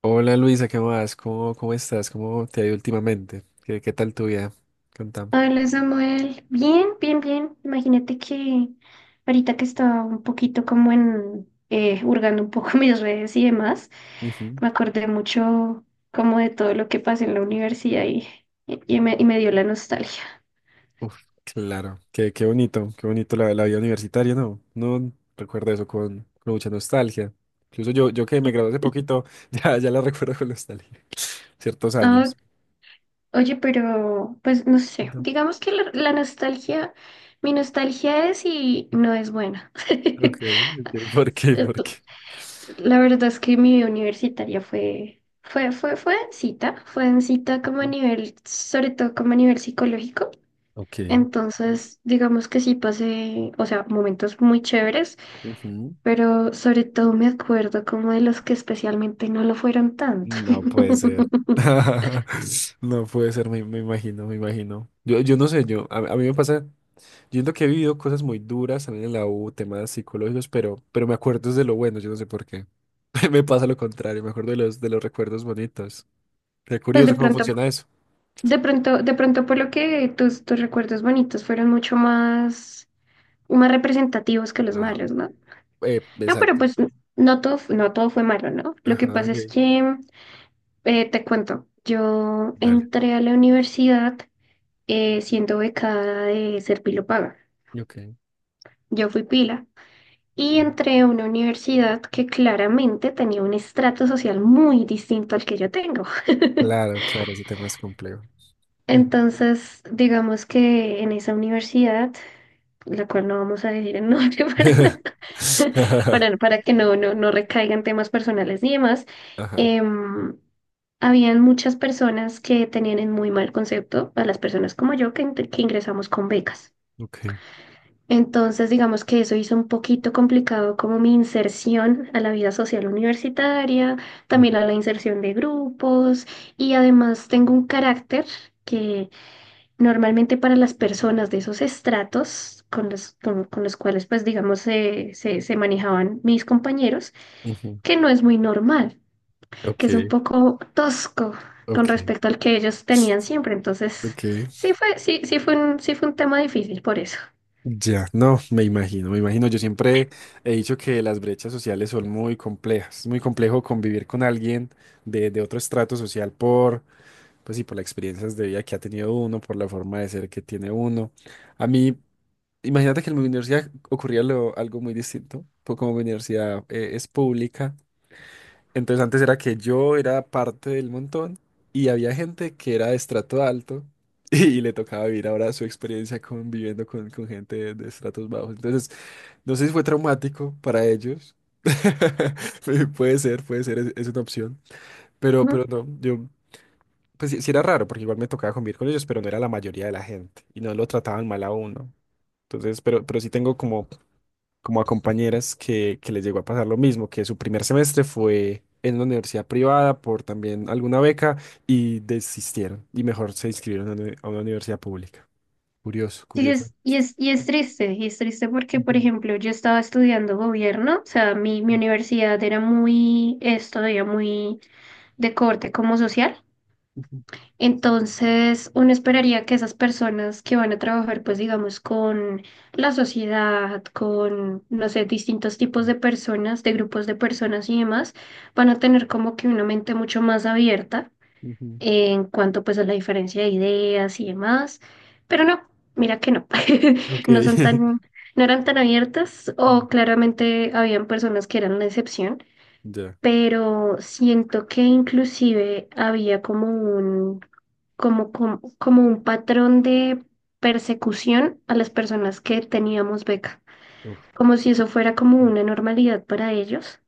Hola Luisa, ¿qué más? ¿Cómo estás? ¿Cómo te ha ido últimamente? ¿Qué tal tu vida? Contame. Hola Samuel, bien, bien, bien. Imagínate que ahorita que estaba un poquito como hurgando un poco mis redes y demás, Ujú. me acordé mucho como de todo lo que pasé en la universidad y me dio la nostalgia. Uf, claro. Qué bonito la vida universitaria, ¿no? No recuerdo eso con mucha nostalgia. Incluso yo que me gradué hace poquito, ya la recuerdo con nostalgia. Ciertos Ah, años. oye, pero pues no sé, No. digamos que la nostalgia, mi nostalgia es y no es buena. Ok, ok. ¿Por qué? ¿Por ¿Tú, qué? la verdad es que mi vida universitaria fue densita como a nivel, sobre todo como a nivel psicológico. Ok. Entonces, digamos que sí pasé, o sea, momentos muy chéveres, Ujú. pero sobre todo me acuerdo como de los que especialmente no lo fueron tanto. No puede ser. No puede ser, me imagino, me imagino. Yo no sé, yo, a mí me pasa. Yo siento que he vivido cosas muy duras también en la U, temas psicológicos, pero me acuerdo es de lo bueno, yo no sé por qué. Me pasa lo contrario, me acuerdo de los recuerdos bonitos. Qué Pues de curioso cómo pronto, funciona eso. De pronto por lo que tus recuerdos bonitos fueron mucho más, más representativos que los Ah, malos, ¿no? No, pero exacto. pues no todo fue malo, ¿no? Lo que Ajá, pasa es ok. que te cuento, yo Dale. entré a la universidad siendo becada de Serpilo Paga. Ok. Yo fui pila y Ujú. entré a una universidad que claramente tenía un estrato social muy distinto al que yo tengo. Claro, claro, ese tema es complejo. Ujú. Entonces, digamos que en esa universidad la cual no vamos a decir el nombre para, no, para que no recaigan temas personales ni demás, Ajá, em, habían muchas personas que tenían en muy mal concepto a las personas como yo que ingresamos con becas. ok. Entonces, digamos que eso hizo un poquito complicado como mi inserción a la vida social universitaria, Ujú. también a la inserción de grupos y además tengo un carácter que normalmente para las personas de esos estratos con con los cuales, pues digamos, se manejaban mis compañeros, Ujú. que no es muy normal, que es un Ok, poco tosco con ok, respecto al que ellos tenían siempre. Entonces, ok. Sí fue sí fue un tema difícil por eso. Ya, no, me imagino, me imagino. Yo siempre he dicho que las brechas sociales son muy complejas. Es muy complejo convivir con alguien de otro estrato social por, pues sí, por las experiencias de vida que ha tenido uno, por la forma de ser que tiene uno. A mí, imagínate que en mi universidad ocurría lo- algo muy distinto, pues como mi universidad es pública. Entonces antes era que yo era parte del montón y había gente que era de estrato alto y, le tocaba vivir ahora su experiencia conviviendo con gente de estratos bajos. Entonces, no sé si fue traumático para ellos. Pu- puede ser, es una opción. Ujú. Pero no, yo, pues sí, sí era raro porque igual me tocaba convivir con ellos, pero no era la mayoría de la gente y no lo trataban mal a uno. Entonces, pero sí tengo como como a compañeras que les llegó a pasar lo mismo, que su primer semestre fue en una universidad privada por también alguna beca y desistieron y mejor se inscribieron a una, uni- a una universidad pública. Curioso, Sí, curioso. Y es triste porque, por Ujú, ejemplo, yo estaba estudiando gobierno, o sea, mi universidad era muy, es todavía muy de corte como social. ujú, Entonces, uno esperaría que esas personas que van a trabajar, pues digamos, con la sociedad, con, no sé, distintos tipos de personas, de grupos de personas y demás, van a tener como que una mente mucho más abierta ujú. en cuanto pues a la diferencia de ideas y demás. Pero no, mira que no, Ok. no son tan, no eran tan abiertas, o Mm. claramente habían personas que eran la excepción, Ya. pero siento que inclusive había como un, como un patrón de persecución a las personas que teníamos beca, Uf. como si eso fuera como una normalidad para ellos.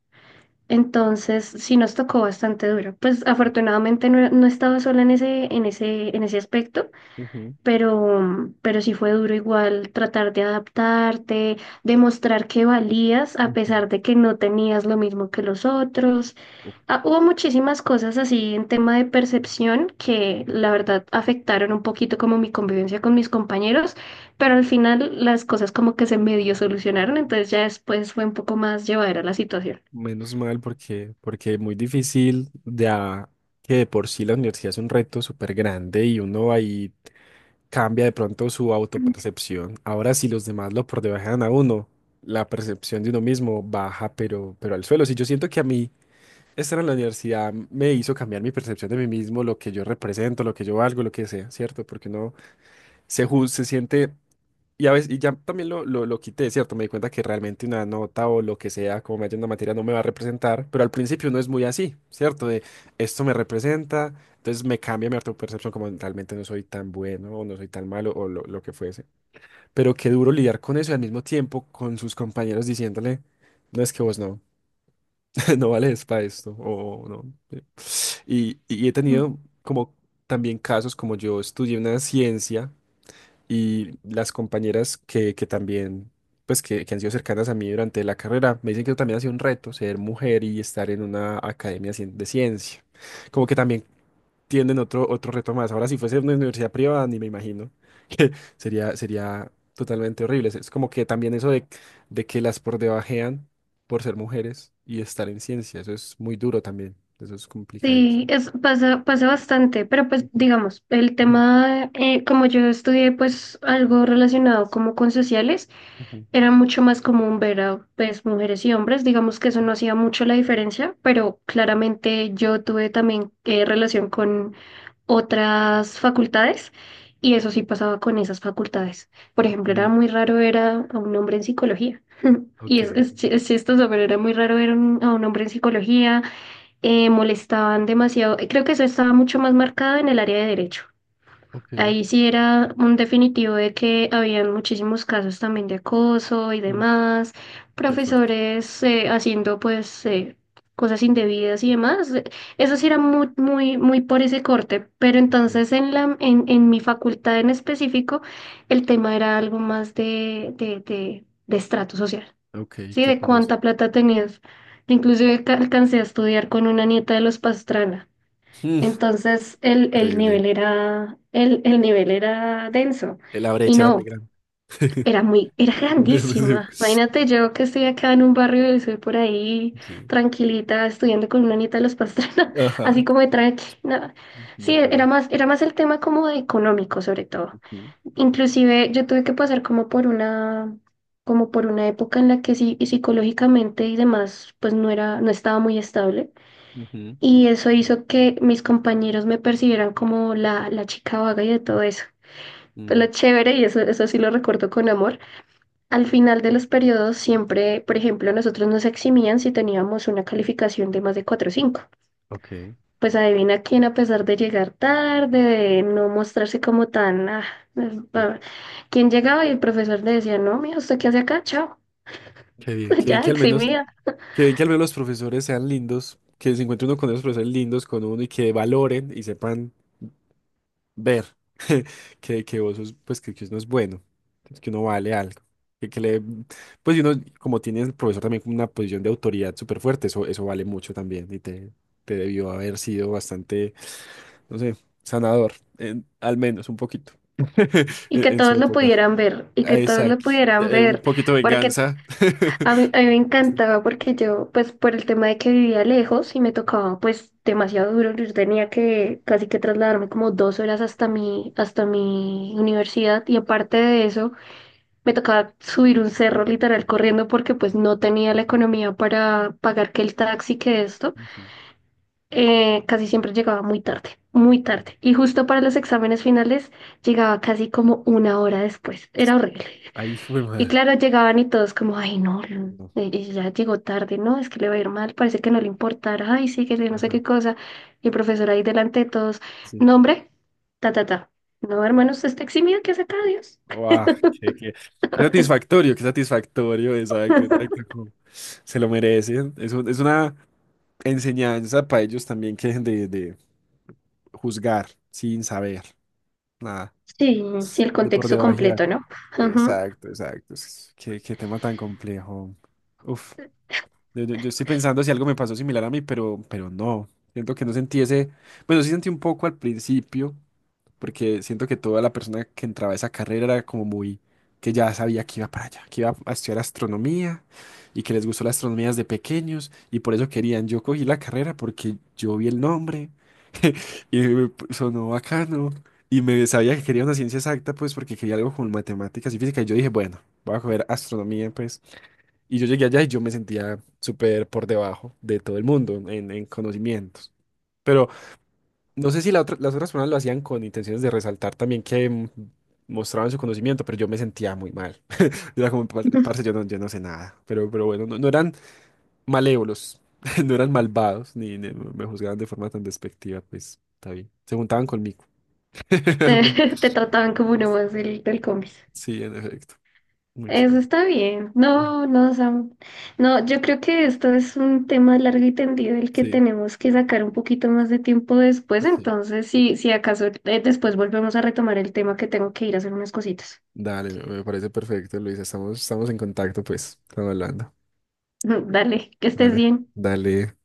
Entonces, sí nos tocó bastante duro. Pues afortunadamente no, no estaba sola en en ese aspecto, Ujú, pero sí fue duro igual tratar de adaptarte, demostrar que valías a ujú. pesar de que no tenías lo mismo que los otros. Uf. Ah, hubo muchísimas cosas así en tema de percepción que la verdad afectaron un poquito como mi convivencia con mis compañeros, pero al final las cosas como que se medio solucionaron, entonces ya después fue un poco más llevadera la situación. Menos mal porque, porque es muy difícil, ya que de por sí la universidad es un reto súper grande y uno ahí cambia de pronto su autopercepción. Ahora, si los demás lo debajan a uno, la percepción de uno mismo baja, pero al suelo. Si yo siento que a mí estar en la universidad me hizo cambiar mi percepción de mí mismo, lo que yo represento, lo que yo valgo, lo que sea, ¿cierto? Porque uno se, ju- se siente y a veces, y ya también lo quité, ¿cierto? Me di cuenta que realmente una nota o lo que sea, como me haya una materia, no me va a representar, pero al principio no es muy así, ¿cierto? De esto me representa, entonces me cambia mi autopercepción como realmente no soy tan bueno o no soy tan malo o lo que fuese. Pero qué duro lidiar con eso y al mismo tiempo con sus compañeros diciéndole, no es que vos no, no vales para esto o no. Sí. Y he tenido como también casos como yo estudié una ciencia. Y las compañeras que también, pues que han sido cercanas a mí durante la carrera, me dicen que eso también ha sido un reto, ser mujer y estar en una academia cien- de ciencia. Como que también tienden otro, otro reto más. Ahora, si fuese una universidad privada, ni me imagino que sería, sería totalmente horrible. Es como que también eso de que las por debajean por ser mujeres y estar en ciencia, eso es muy duro también. Eso es complicado. Sí, es, pasa, pasa bastante, pero pues Ujú, digamos, el ujú, tema, como yo estudié pues algo relacionado como con sociales, ujú. era mucho más común ver a pues mujeres y hombres, digamos que eso no hacía mucho la diferencia, pero claramente yo tuve también relación con otras facultades, y eso sí pasaba con esas facultades. Por ejemplo, era Ok, muy raro ver a un hombre en psicología. ok, Y sí, es chistoso, pero era muy raro a un hombre en psicología, molestaban demasiado. Eh, creo que eso estaba mucho más marcado en el área de derecho. ok. Ahí sí era un definitivo de que habían muchísimos casos también de acoso y Mm, demás, qué fuerte. profesores haciendo pues cosas indebidas y demás. Eso sí era muy, muy, muy por ese corte, pero entonces en en mi facultad en específico, el tema era algo más de estrato social. Ok, Sí, qué de curioso. cuánta plata tenías. Inclusive alcancé a estudiar con una nieta de los Pastrana. Mm, Entonces el increíble. nivel era, el nivel era denso. La Y brecha era muy no, grande. era muy, era Sí. grandísima. Imagínate yo que estoy acá en un barrio y soy por ahí Sí. tranquilita estudiando con una nieta de los Pastrana, Ajá. así como de tranqui. No. Sí, Muy duro. Era más el tema como de económico sobre todo. Ujú, Inclusive yo tuve que pasar como por una época en la que sí, y psicológicamente y demás, pues no era, no estaba muy estable. ujú, Y eso hizo que mis compañeros me percibieran como la chica vaga y de todo eso. Pues lo mm, chévere, y eso sí lo recuerdo con amor. Al final de los periodos siempre, por ejemplo, a nosotros nos eximían si teníamos una calificación de más de 4 o cinco, ok. pues adivina quién, a pesar de llegar tarde, de no mostrarse como tan... Sí. ah, quién llegaba y el profesor le decía, no, mira, ¿usted qué hace acá? Chao. Qué bien Ya, que al menos, eximida. qué bien que al menos los profesores sean lindos, que se encuentre uno con esos profesores lindos, con uno y que valoren y sepan. Ver que vos sos, pues que uno es bueno, que uno vale algo. Que le, pues y uno, como tiene el profesor también como una posición de autoridad súper fuerte, eso vale mucho también y te debió haber sido bastante, no sé, sanador, en- al menos un poquito, Y que en su todos lo época. pudieran ver, y Ah, que todos lo exacto. pudieran Un ver, poquito de porque venganza. A mí me encantaba, porque yo, pues por el tema de que vivía lejos y me tocaba pues demasiado duro, yo tenía que casi que trasladarme como dos horas hasta mi universidad, y aparte de eso, me tocaba subir un cerro literal corriendo porque pues no tenía la economía para pagar que el taxi, que esto. Ujú. Casi siempre llegaba muy tarde, muy tarde. Y justo para los exámenes finales llegaba casi como una hora después. Era horrible. Ay, hijo de Y madre. claro, llegaban y todos como, ay, no, Lu, No. Ya llegó tarde, ¿no? Es que le va a ir mal, parece que no le importara, ay, sí, que yo no sé Ajá, qué cosa. Y el profesor ahí delante de todos, sí. nombre, ta, ta, ta. No, hermano, usted está eximido, que hace acá? Dios. Guau, qué, qué- qué satisfactorio, exacto, exacto, como se lo merecen. Es, un- es una enseñanza para ellos también que dejen de juzgar sin saber nada, Sí, sí, el de por contexto debajear. completo, ¿no? Ajá. Exacto, exacto. Es- Qué, qué tema tan complejo. Uf. Yo- yo estoy pensando si algo me pasó similar a mí, pero no. Siento que no sentí ese. Bueno, sí sentí un poco al principio, porque siento que toda la persona que entraba a esa carrera era como muy. Que ya sabía que iba para allá, que iba a estudiar astronomía y que les gustó la astronomía desde pequeños y por eso querían. Yo cogí la carrera porque yo vi el nombre y me sonó bacano y me sabía que quería una ciencia exacta, pues porque quería algo con matemáticas y física. Y yo dije, bueno, voy a coger astronomía, pues. Y yo llegué allá y yo me sentía súper por debajo de todo el mundo en conocimientos. Pero no sé si la otra- las otras personas lo hacían con intenciones de resaltar también que mostraban su conocimiento, pero yo me sentía muy mal. Yo era como, "Par- parce, yo no, yo no sé nada". Pero bueno, no, no eran malévolos, no eran malvados, ni, ni me juzgaban de forma tan despectiva, pues está bien. Se juntaban conmigo, realmente. Te trataban como uno más del combis. Sí, en efecto. Muy Eso chévere. está bien. Ah, No, no, Sam. No, yo creo que esto es un tema largo y tendido el que sí, tenemos que sacar un poquito más de tiempo después. sí. Entonces, si acaso después volvemos a retomar el tema, que tengo que ir a hacer unas cositas. Dale, me parece perfecto, Luisa. Estamos, estamos en contacto, pues. Estamos hablando. Dale, que estés Dale. bien. Dale.